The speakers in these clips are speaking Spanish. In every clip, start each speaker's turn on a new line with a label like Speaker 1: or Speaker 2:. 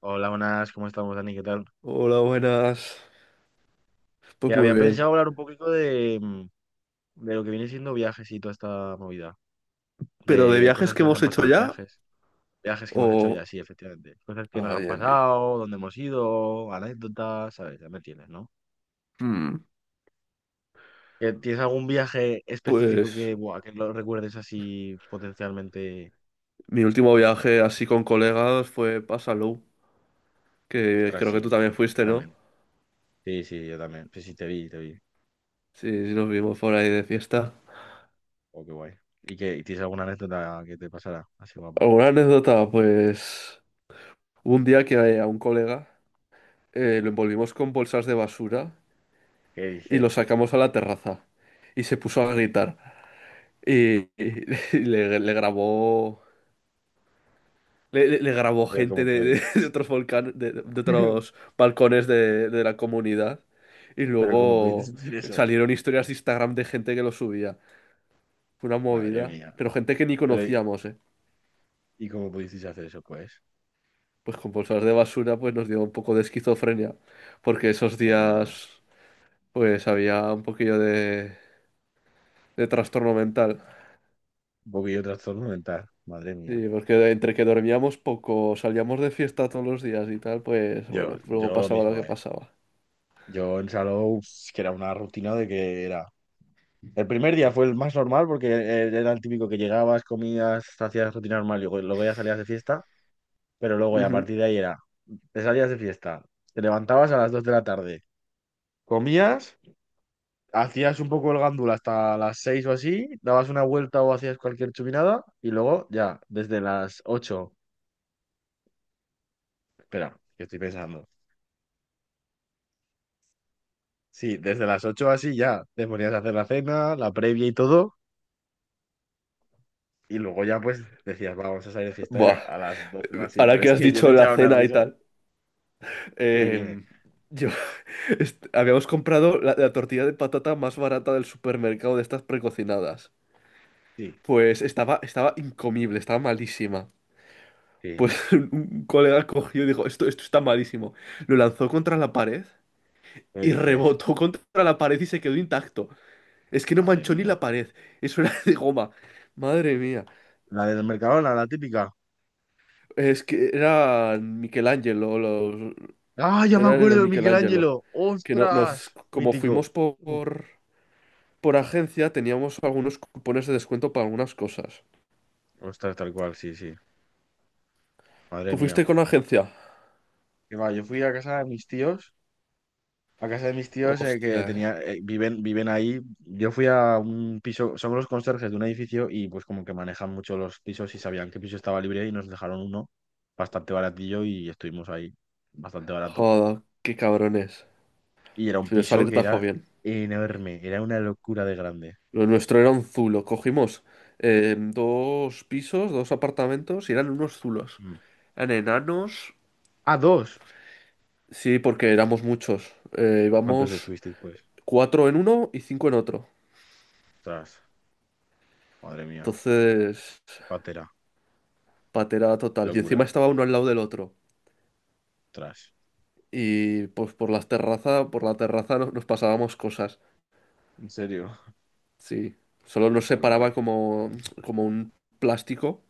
Speaker 1: Hola, buenas, ¿cómo estamos, Dani? ¿Qué tal?
Speaker 2: Hola, buenas.
Speaker 1: Que
Speaker 2: Pues muy
Speaker 1: había
Speaker 2: bien.
Speaker 1: pensado hablar un poquito de lo que viene siendo viajes y toda esta movida,
Speaker 2: ¿Pero de
Speaker 1: de
Speaker 2: viajes
Speaker 1: cosas que
Speaker 2: que
Speaker 1: nos han
Speaker 2: hemos hecho
Speaker 1: pasado en
Speaker 2: ya?
Speaker 1: viajes, viajes que hemos hecho
Speaker 2: O...
Speaker 1: ya, sí, efectivamente, cosas que nos
Speaker 2: Ah,
Speaker 1: han
Speaker 2: bien, bien.
Speaker 1: pasado, dónde hemos ido, anécdotas, ¿sabes? Ya me entiendes, ¿no?
Speaker 2: Hmm,
Speaker 1: ¿Que ¿Tienes algún viaje específico
Speaker 2: pues
Speaker 1: que, buah, que lo recuerdes así potencialmente?
Speaker 2: mi último viaje así con colegas fue para Salou, que
Speaker 1: Ostras,
Speaker 2: creo que
Speaker 1: sí,
Speaker 2: tú también
Speaker 1: mítico, yo
Speaker 2: fuiste, ¿no?
Speaker 1: también. Sí, sí, yo también. Sí, sí, te vi, te vi.
Speaker 2: Sí, sí, nos vimos por ahí de fiesta.
Speaker 1: Oh, qué guay. ¿Y que tienes alguna anécdota que te pasara así guapa?
Speaker 2: ¿Alguna anécdota? Pues hubo un día que a un colega lo envolvimos con bolsas de basura
Speaker 1: ¿Qué
Speaker 2: y lo
Speaker 1: dices?
Speaker 2: sacamos a la terraza y se puso a gritar. Y le grabó. Le grabó
Speaker 1: Pero
Speaker 2: gente
Speaker 1: ¿cómo
Speaker 2: de,
Speaker 1: podéis?
Speaker 2: de- de otros volcanes, de otros balcones de la comunidad. Y
Speaker 1: Pero cómo pudiste
Speaker 2: luego
Speaker 1: sentir eso,
Speaker 2: salieron historias de Instagram de gente que lo subía. Fue una
Speaker 1: madre
Speaker 2: movida.
Speaker 1: mía.
Speaker 2: Pero gente que ni
Speaker 1: Pero,
Speaker 2: conocíamos, ¿eh?
Speaker 1: ¿y cómo pudiste hacer eso? Pues,
Speaker 2: Pues con bolsas de basura, pues nos dio un poco de esquizofrenia. Porque esos
Speaker 1: madre mía.
Speaker 2: días, pues había un poquillo de trastorno mental.
Speaker 1: Un poquillo de trastorno mental, madre mía.
Speaker 2: Sí, porque entre que dormíamos poco, salíamos de fiesta todos los días y tal, pues
Speaker 1: Yo,
Speaker 2: bueno, luego
Speaker 1: yo lo
Speaker 2: pasaba lo
Speaker 1: mismo,
Speaker 2: que
Speaker 1: ¿eh?
Speaker 2: pasaba.
Speaker 1: Yo en Salou, es que era una rutina de que era. El primer día fue el más normal porque era el típico que llegabas, comías, hacías rutina normal y luego ya salías de fiesta. Pero luego ya a
Speaker 2: Ujú.
Speaker 1: partir de ahí era, te salías de fiesta, te levantabas a las 2 de la tarde, comías, hacías un poco el gándula hasta las 6 o así, dabas una vuelta o hacías cualquier chupinada y luego ya, desde las 8, espera, que estoy pensando. Sí, desde las 8 así ya te ponías a hacer la cena, la previa y todo. Y luego ya pues decías, vamos a salir de fiesta ya
Speaker 2: Buah.
Speaker 1: a las 12 o así.
Speaker 2: Ahora
Speaker 1: Pero
Speaker 2: que
Speaker 1: es
Speaker 2: has
Speaker 1: que yo me
Speaker 2: dicho la
Speaker 1: echaba unas
Speaker 2: cena y
Speaker 1: risas
Speaker 2: tal,
Speaker 1: y dime,
Speaker 2: eh, yo habíamos comprado la tortilla de patata más barata del supermercado de estas precocinadas.
Speaker 1: sí,
Speaker 2: Pues estaba incomible, estaba malísima.
Speaker 1: sí,
Speaker 2: Pues un colega cogió y dijo, esto está malísimo. Lo lanzó contra la pared
Speaker 1: me
Speaker 2: y
Speaker 1: dices,
Speaker 2: rebotó contra la pared y se quedó intacto. Es que no
Speaker 1: madre
Speaker 2: manchó ni
Speaker 1: mía.
Speaker 2: la pared, eso era de goma. Madre mía,
Speaker 1: La del Mercadona, la típica.
Speaker 2: es que era Michelangelo, los,
Speaker 1: Ah, ya me
Speaker 2: era en el
Speaker 1: acuerdo, el
Speaker 2: Michelangelo.
Speaker 1: Michelangelo.
Speaker 2: Que no, nos,
Speaker 1: Ostras,
Speaker 2: como
Speaker 1: mítico.
Speaker 2: fuimos por agencia, teníamos algunos cupones de descuento para algunas cosas.
Speaker 1: Ostras, tal cual, sí, sí. Madre
Speaker 2: ¿Tú
Speaker 1: mía.
Speaker 2: fuiste con agencia?
Speaker 1: Que va, yo fui a casa de mis tíos, a casa de mis tíos que
Speaker 2: Hostia,
Speaker 1: tenía, viven ahí. Yo fui a un piso, son los conserjes de un edificio y pues como que manejan mucho los pisos y sabían qué piso estaba libre y nos dejaron uno bastante baratillo y estuvimos ahí bastante barato.
Speaker 2: joder, qué cabrones.
Speaker 1: Y era un
Speaker 2: Si de
Speaker 1: piso
Speaker 2: salir
Speaker 1: que
Speaker 2: tajo
Speaker 1: era
Speaker 2: bien.
Speaker 1: enorme, era una locura de grande.
Speaker 2: Lo nuestro era un zulo. Cogimos dos pisos, dos apartamentos y eran unos zulos.
Speaker 1: Mm.
Speaker 2: Eran enanos.
Speaker 1: Ah, dos.
Speaker 2: Sí, porque éramos muchos.
Speaker 1: ¿Cuántos
Speaker 2: Íbamos
Speaker 1: estuvisteis pues?
Speaker 2: cuatro en uno y cinco en otro.
Speaker 1: Ostras, madre mía,
Speaker 2: Entonces,
Speaker 1: qué patera,
Speaker 2: patera
Speaker 1: qué
Speaker 2: total. Y encima
Speaker 1: locura.
Speaker 2: estaba uno al lado del otro.
Speaker 1: Ostras,
Speaker 2: Y pues por las terrazas, por la terraza nos pasábamos cosas.
Speaker 1: ¿en serio?
Speaker 2: Sí. Solo nos
Speaker 1: Jo, qué guay.
Speaker 2: separaba como, como un plástico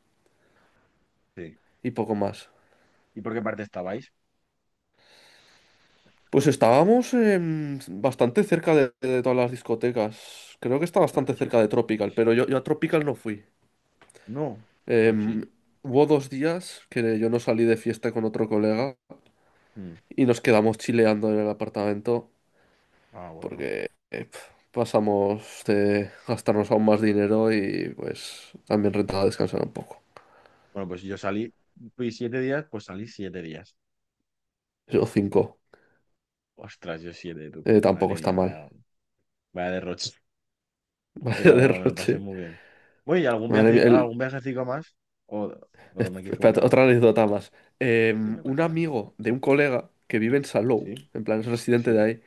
Speaker 1: Sí.
Speaker 2: y poco más.
Speaker 1: ¿Y por qué parte estabais?
Speaker 2: Pues estábamos bastante cerca de todas las discotecas. Creo que está
Speaker 1: Ostras,
Speaker 2: bastante
Speaker 1: qué
Speaker 2: cerca de
Speaker 1: suerte.
Speaker 2: Tropical, pero yo a Tropical no fui.
Speaker 1: No, yo
Speaker 2: Em,
Speaker 1: sí.
Speaker 2: Hubo dos días que yo no salí de fiesta con otro colega
Speaker 1: Mm.
Speaker 2: y nos quedamos chileando en el apartamento
Speaker 1: Ah, bueno.
Speaker 2: porque eh, pf, pasamos de gastarnos aún más dinero y pues también rentaba descansar un poco.
Speaker 1: Bueno, pues si yo salí, fui siete días, pues salí siete días.
Speaker 2: Yo cinco.
Speaker 1: Ostras, yo siete, tú.
Speaker 2: Tampoco
Speaker 1: Madre
Speaker 2: está
Speaker 1: mía,
Speaker 2: mal.
Speaker 1: vaya, vaya derroche.
Speaker 2: Vaya
Speaker 1: Pero me lo pasé
Speaker 2: derroche.
Speaker 1: muy bien. Oye, ¿y algún
Speaker 2: Madre mía.
Speaker 1: viaje, algún viajecito más? ¿O, o me quieres
Speaker 2: Espérate,
Speaker 1: comentar algo
Speaker 2: otra
Speaker 1: más?
Speaker 2: anécdota más. Eh,
Speaker 1: Dime,
Speaker 2: un
Speaker 1: cuéntame tú.
Speaker 2: amigo de un colega que vive en Salou,
Speaker 1: ¿Sí?
Speaker 2: en plan es residente de
Speaker 1: ¿Sí?
Speaker 2: ahí,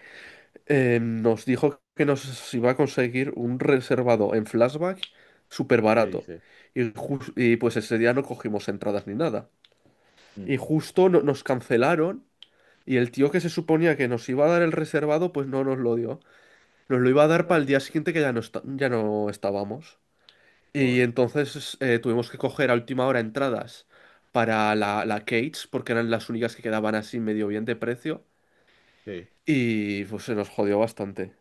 Speaker 2: nos dijo que nos iba a conseguir un reservado en flashback súper
Speaker 1: ¿Qué
Speaker 2: barato.
Speaker 1: dices?
Speaker 2: Y, y pues ese día no cogimos entradas ni nada.
Speaker 1: Mm,
Speaker 2: Y justo nos cancelaron y el tío que se suponía que nos iba a dar el reservado, pues no nos lo dio. Nos lo iba a dar para
Speaker 1: ostras,
Speaker 2: el día siguiente que ya no, ya no estábamos. Y
Speaker 1: joder,
Speaker 2: entonces tuvimos que coger a última hora entradas para la Cage, porque eran las únicas que quedaban así medio bien de precio.
Speaker 1: sí.
Speaker 2: Y pues se nos jodió bastante.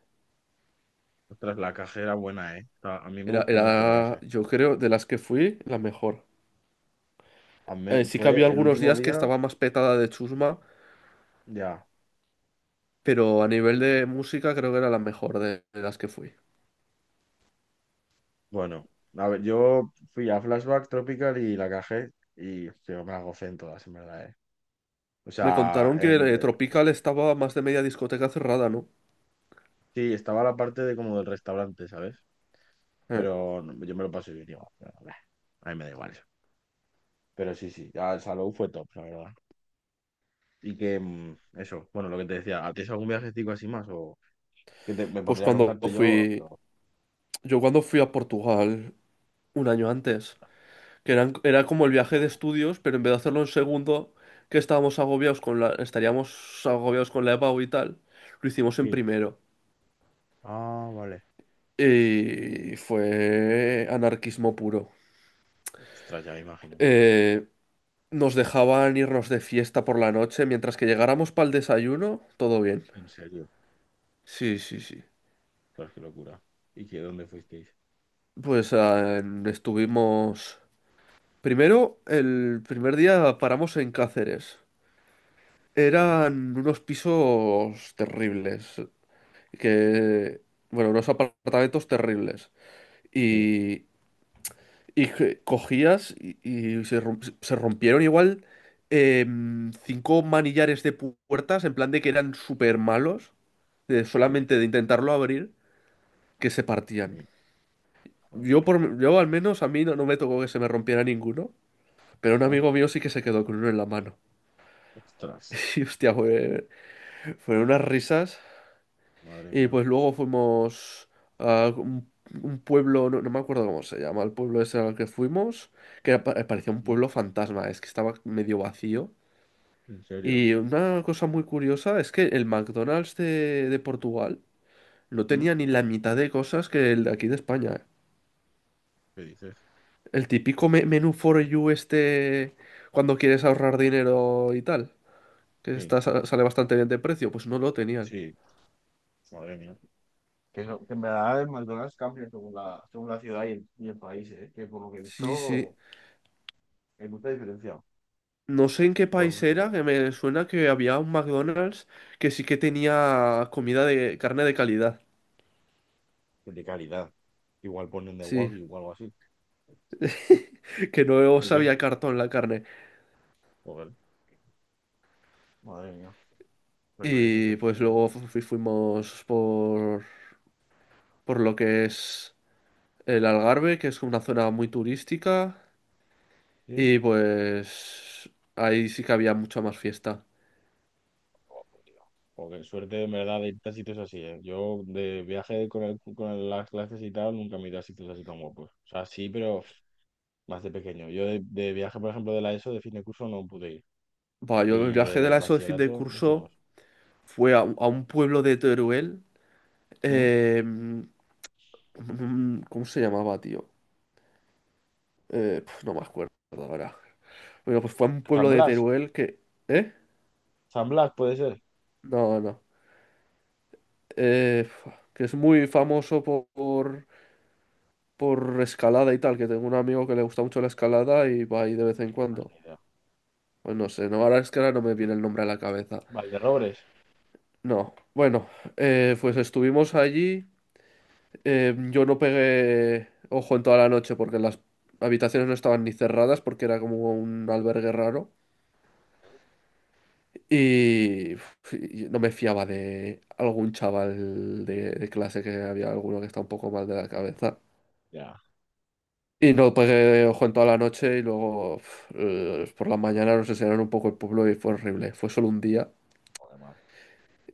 Speaker 1: Ostras, la caja era buena, ¿eh? O sea, a mí me gustó mucho la caja.
Speaker 2: Yo creo, de las que fui, la mejor.
Speaker 1: A mí
Speaker 2: Sí que había
Speaker 1: fue el
Speaker 2: algunos
Speaker 1: último
Speaker 2: días que
Speaker 1: día,
Speaker 2: estaba más petada de chusma,
Speaker 1: ya.
Speaker 2: pero a nivel de música creo que era la mejor de las que fui.
Speaker 1: Bueno, a ver, yo fui a Flashback Tropical y la cajé y yo me la gocé en todas, en verdad, ¿eh? O
Speaker 2: Me
Speaker 1: sea,
Speaker 2: contaron que Tropical estaba más de media discoteca cerrada, ¿no?
Speaker 1: sí, estaba la parte de como del restaurante, ¿sabes?
Speaker 2: Eh,
Speaker 1: Pero no, yo me lo pasé bien igual. Pero, bah, a mí me da igual eso. Pero sí, sí, ya el Salou fue top, la verdad. Y que eso, bueno, lo que te decía, ¿a ti es algún viajecito así más? O me
Speaker 2: pues
Speaker 1: pondría a
Speaker 2: cuando
Speaker 1: contarte yo,
Speaker 2: fui,
Speaker 1: pero
Speaker 2: yo cuando fui a Portugal un año antes, era como el viaje de
Speaker 1: ¿cómo?
Speaker 2: estudios, pero en vez de hacerlo en segundo, que estábamos agobiados con la, estaríamos agobiados con la EPAU y tal, lo hicimos en
Speaker 1: Sí.
Speaker 2: primero.
Speaker 1: Ah, vale.
Speaker 2: Y fue anarquismo puro.
Speaker 1: Ostras, ya me imagino.
Speaker 2: Eh, Nos dejaban irnos de fiesta por la noche, mientras que llegáramos para el desayuno, todo bien.
Speaker 1: En serio.
Speaker 2: Sí, sí, sí.
Speaker 1: Ostras, qué locura. ¿Y qué dónde fuisteis?
Speaker 2: Pues estuvimos... Primero, el primer día paramos en Cáceres.
Speaker 1: Sí,
Speaker 2: Eran unos pisos terribles. Que, bueno, unos apartamentos terribles.
Speaker 1: sí,
Speaker 2: Y, y que cogías y se, se rompieron igual cinco manillares de puertas, en plan de que eran súper malos, de
Speaker 1: sí.
Speaker 2: solamente de intentarlo abrir, que se partían.
Speaker 1: Sí. Ah,
Speaker 2: Yo, por, yo al menos a mí no, no me tocó que se me rompiera ninguno, pero un amigo mío sí que se quedó con uno en la mano.
Speaker 1: ostras,
Speaker 2: Y hostia, fueron unas risas.
Speaker 1: madre
Speaker 2: Y
Speaker 1: mía.
Speaker 2: pues luego fuimos a un pueblo, no, no me acuerdo cómo se llama, el pueblo ese al que fuimos, que era parecía un
Speaker 1: ¿Mm?
Speaker 2: pueblo fantasma, es que estaba medio vacío.
Speaker 1: ¿En serio?
Speaker 2: Y una cosa muy curiosa es que el McDonald's de Portugal no
Speaker 1: ¿Mm?
Speaker 2: tenía ni la mitad de cosas que el de aquí de España. ¿Eh?
Speaker 1: ¿Qué dices?
Speaker 2: El típico menú for you este cuando quieres ahorrar dinero y tal, que
Speaker 1: Sí,
Speaker 2: está, sale bastante bien de precio, pues no lo tenían.
Speaker 1: sí, madre mía. Que, que en verdad el McDonald's cambia según la ciudad y el país, ¿eh? Que por lo que he
Speaker 2: Sí, sí.
Speaker 1: visto hay mucha diferencia.
Speaker 2: No sé en qué
Speaker 1: Pues
Speaker 2: país
Speaker 1: pues, que
Speaker 2: era,
Speaker 1: voy.
Speaker 2: que me suena que había un McDonald's que sí que tenía comida de carne de calidad.
Speaker 1: Que de calidad. Igual ponen de
Speaker 2: Sí,
Speaker 1: Wagyu o algo así.
Speaker 2: que no
Speaker 1: Ok.
Speaker 2: sabía cartón la carne.
Speaker 1: Joder. Madre mía. Pues oye, no
Speaker 2: Y
Speaker 1: sé.
Speaker 2: pues
Speaker 1: no sé.
Speaker 2: luego fuimos por lo que es el Algarve, que es una zona muy turística.
Speaker 1: Sí,
Speaker 2: Y pues ahí sí que había mucha más fiesta.
Speaker 1: oh, por Dios. Joder, suerte en verdad de irte a sitios así, ¿eh? Yo de viaje con, con las clases y tal, nunca me he ido a sitios así tan guapos. O sea, sí, pero pff, más de pequeño. Yo de viaje, por ejemplo, de la ESO, de fin de curso, no pude ir.
Speaker 2: Buah, yo el
Speaker 1: Y
Speaker 2: viaje de
Speaker 1: de
Speaker 2: la ESO de fin de
Speaker 1: bachillerato, no
Speaker 2: curso
Speaker 1: hicimos.
Speaker 2: fue a, un pueblo de Teruel.
Speaker 1: ¿Mm?
Speaker 2: eh, mm, ¿Cómo se llamaba, tío? No me acuerdo ahora. Bueno, pues fue a un
Speaker 1: San
Speaker 2: pueblo de
Speaker 1: Blas,
Speaker 2: Teruel que... ¿Eh?
Speaker 1: San Blas puede ser.
Speaker 2: No, no. Que es muy famoso por escalada y tal, que tengo un amigo que le gusta mucho la escalada y va ahí de vez en
Speaker 1: Pues
Speaker 2: cuando.
Speaker 1: ni idea.
Speaker 2: Pues no sé, no, ahora es que ahora no me viene el nombre a la cabeza.
Speaker 1: Valderrobres,
Speaker 2: No, bueno, pues estuvimos allí. Yo no pegué ojo en toda la noche porque las habitaciones no estaban ni cerradas porque era como un albergue raro. Y uf, y no me fiaba de algún chaval de clase que había alguno que está un poco mal de la cabeza.
Speaker 1: ya,
Speaker 2: Y no pegué ojo en toda la noche y luego uf, por la mañana nos enseñaron un poco el pueblo y fue horrible. Fue solo un día
Speaker 1: joder, mal.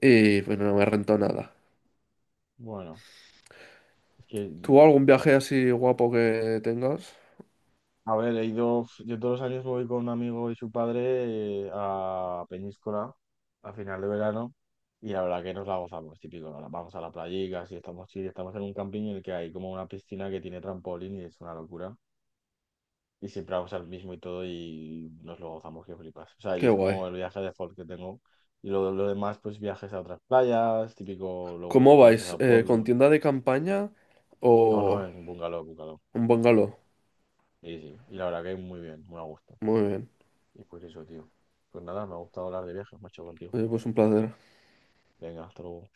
Speaker 2: y bueno, no me rentó nada.
Speaker 1: Bueno, es que
Speaker 2: ¿Tú algún viaje así guapo que tengas?
Speaker 1: a ver, he ido, yo todos los años voy con un amigo y su padre a Peñíscola a final de verano y la verdad que nos la gozamos, típico, ¿no? Vamos a la playica, si estamos chill, estamos en un camping en el que hay como una piscina que tiene trampolín y es una locura y siempre vamos al mismo y todo y nos lo gozamos que flipas. O sea, y
Speaker 2: Qué
Speaker 1: es
Speaker 2: guay.
Speaker 1: como el viaje de default que tengo y luego lo demás pues viajes a otras playas, típico, luego
Speaker 2: ¿Cómo
Speaker 1: viajes
Speaker 2: vais?
Speaker 1: a
Speaker 2: ¿Con
Speaker 1: pueblos.
Speaker 2: tienda de campaña
Speaker 1: No, no,
Speaker 2: o
Speaker 1: en bungalow, bungalow.
Speaker 2: un bungalow?
Speaker 1: Sí, sí, y la verdad que muy bien, muy a gusto.
Speaker 2: Muy bien.
Speaker 1: Y por eso, tío. Pues nada, me ha gustado hablar de viajes, macho, contigo.
Speaker 2: Pues un placer.
Speaker 1: Venga, hasta luego.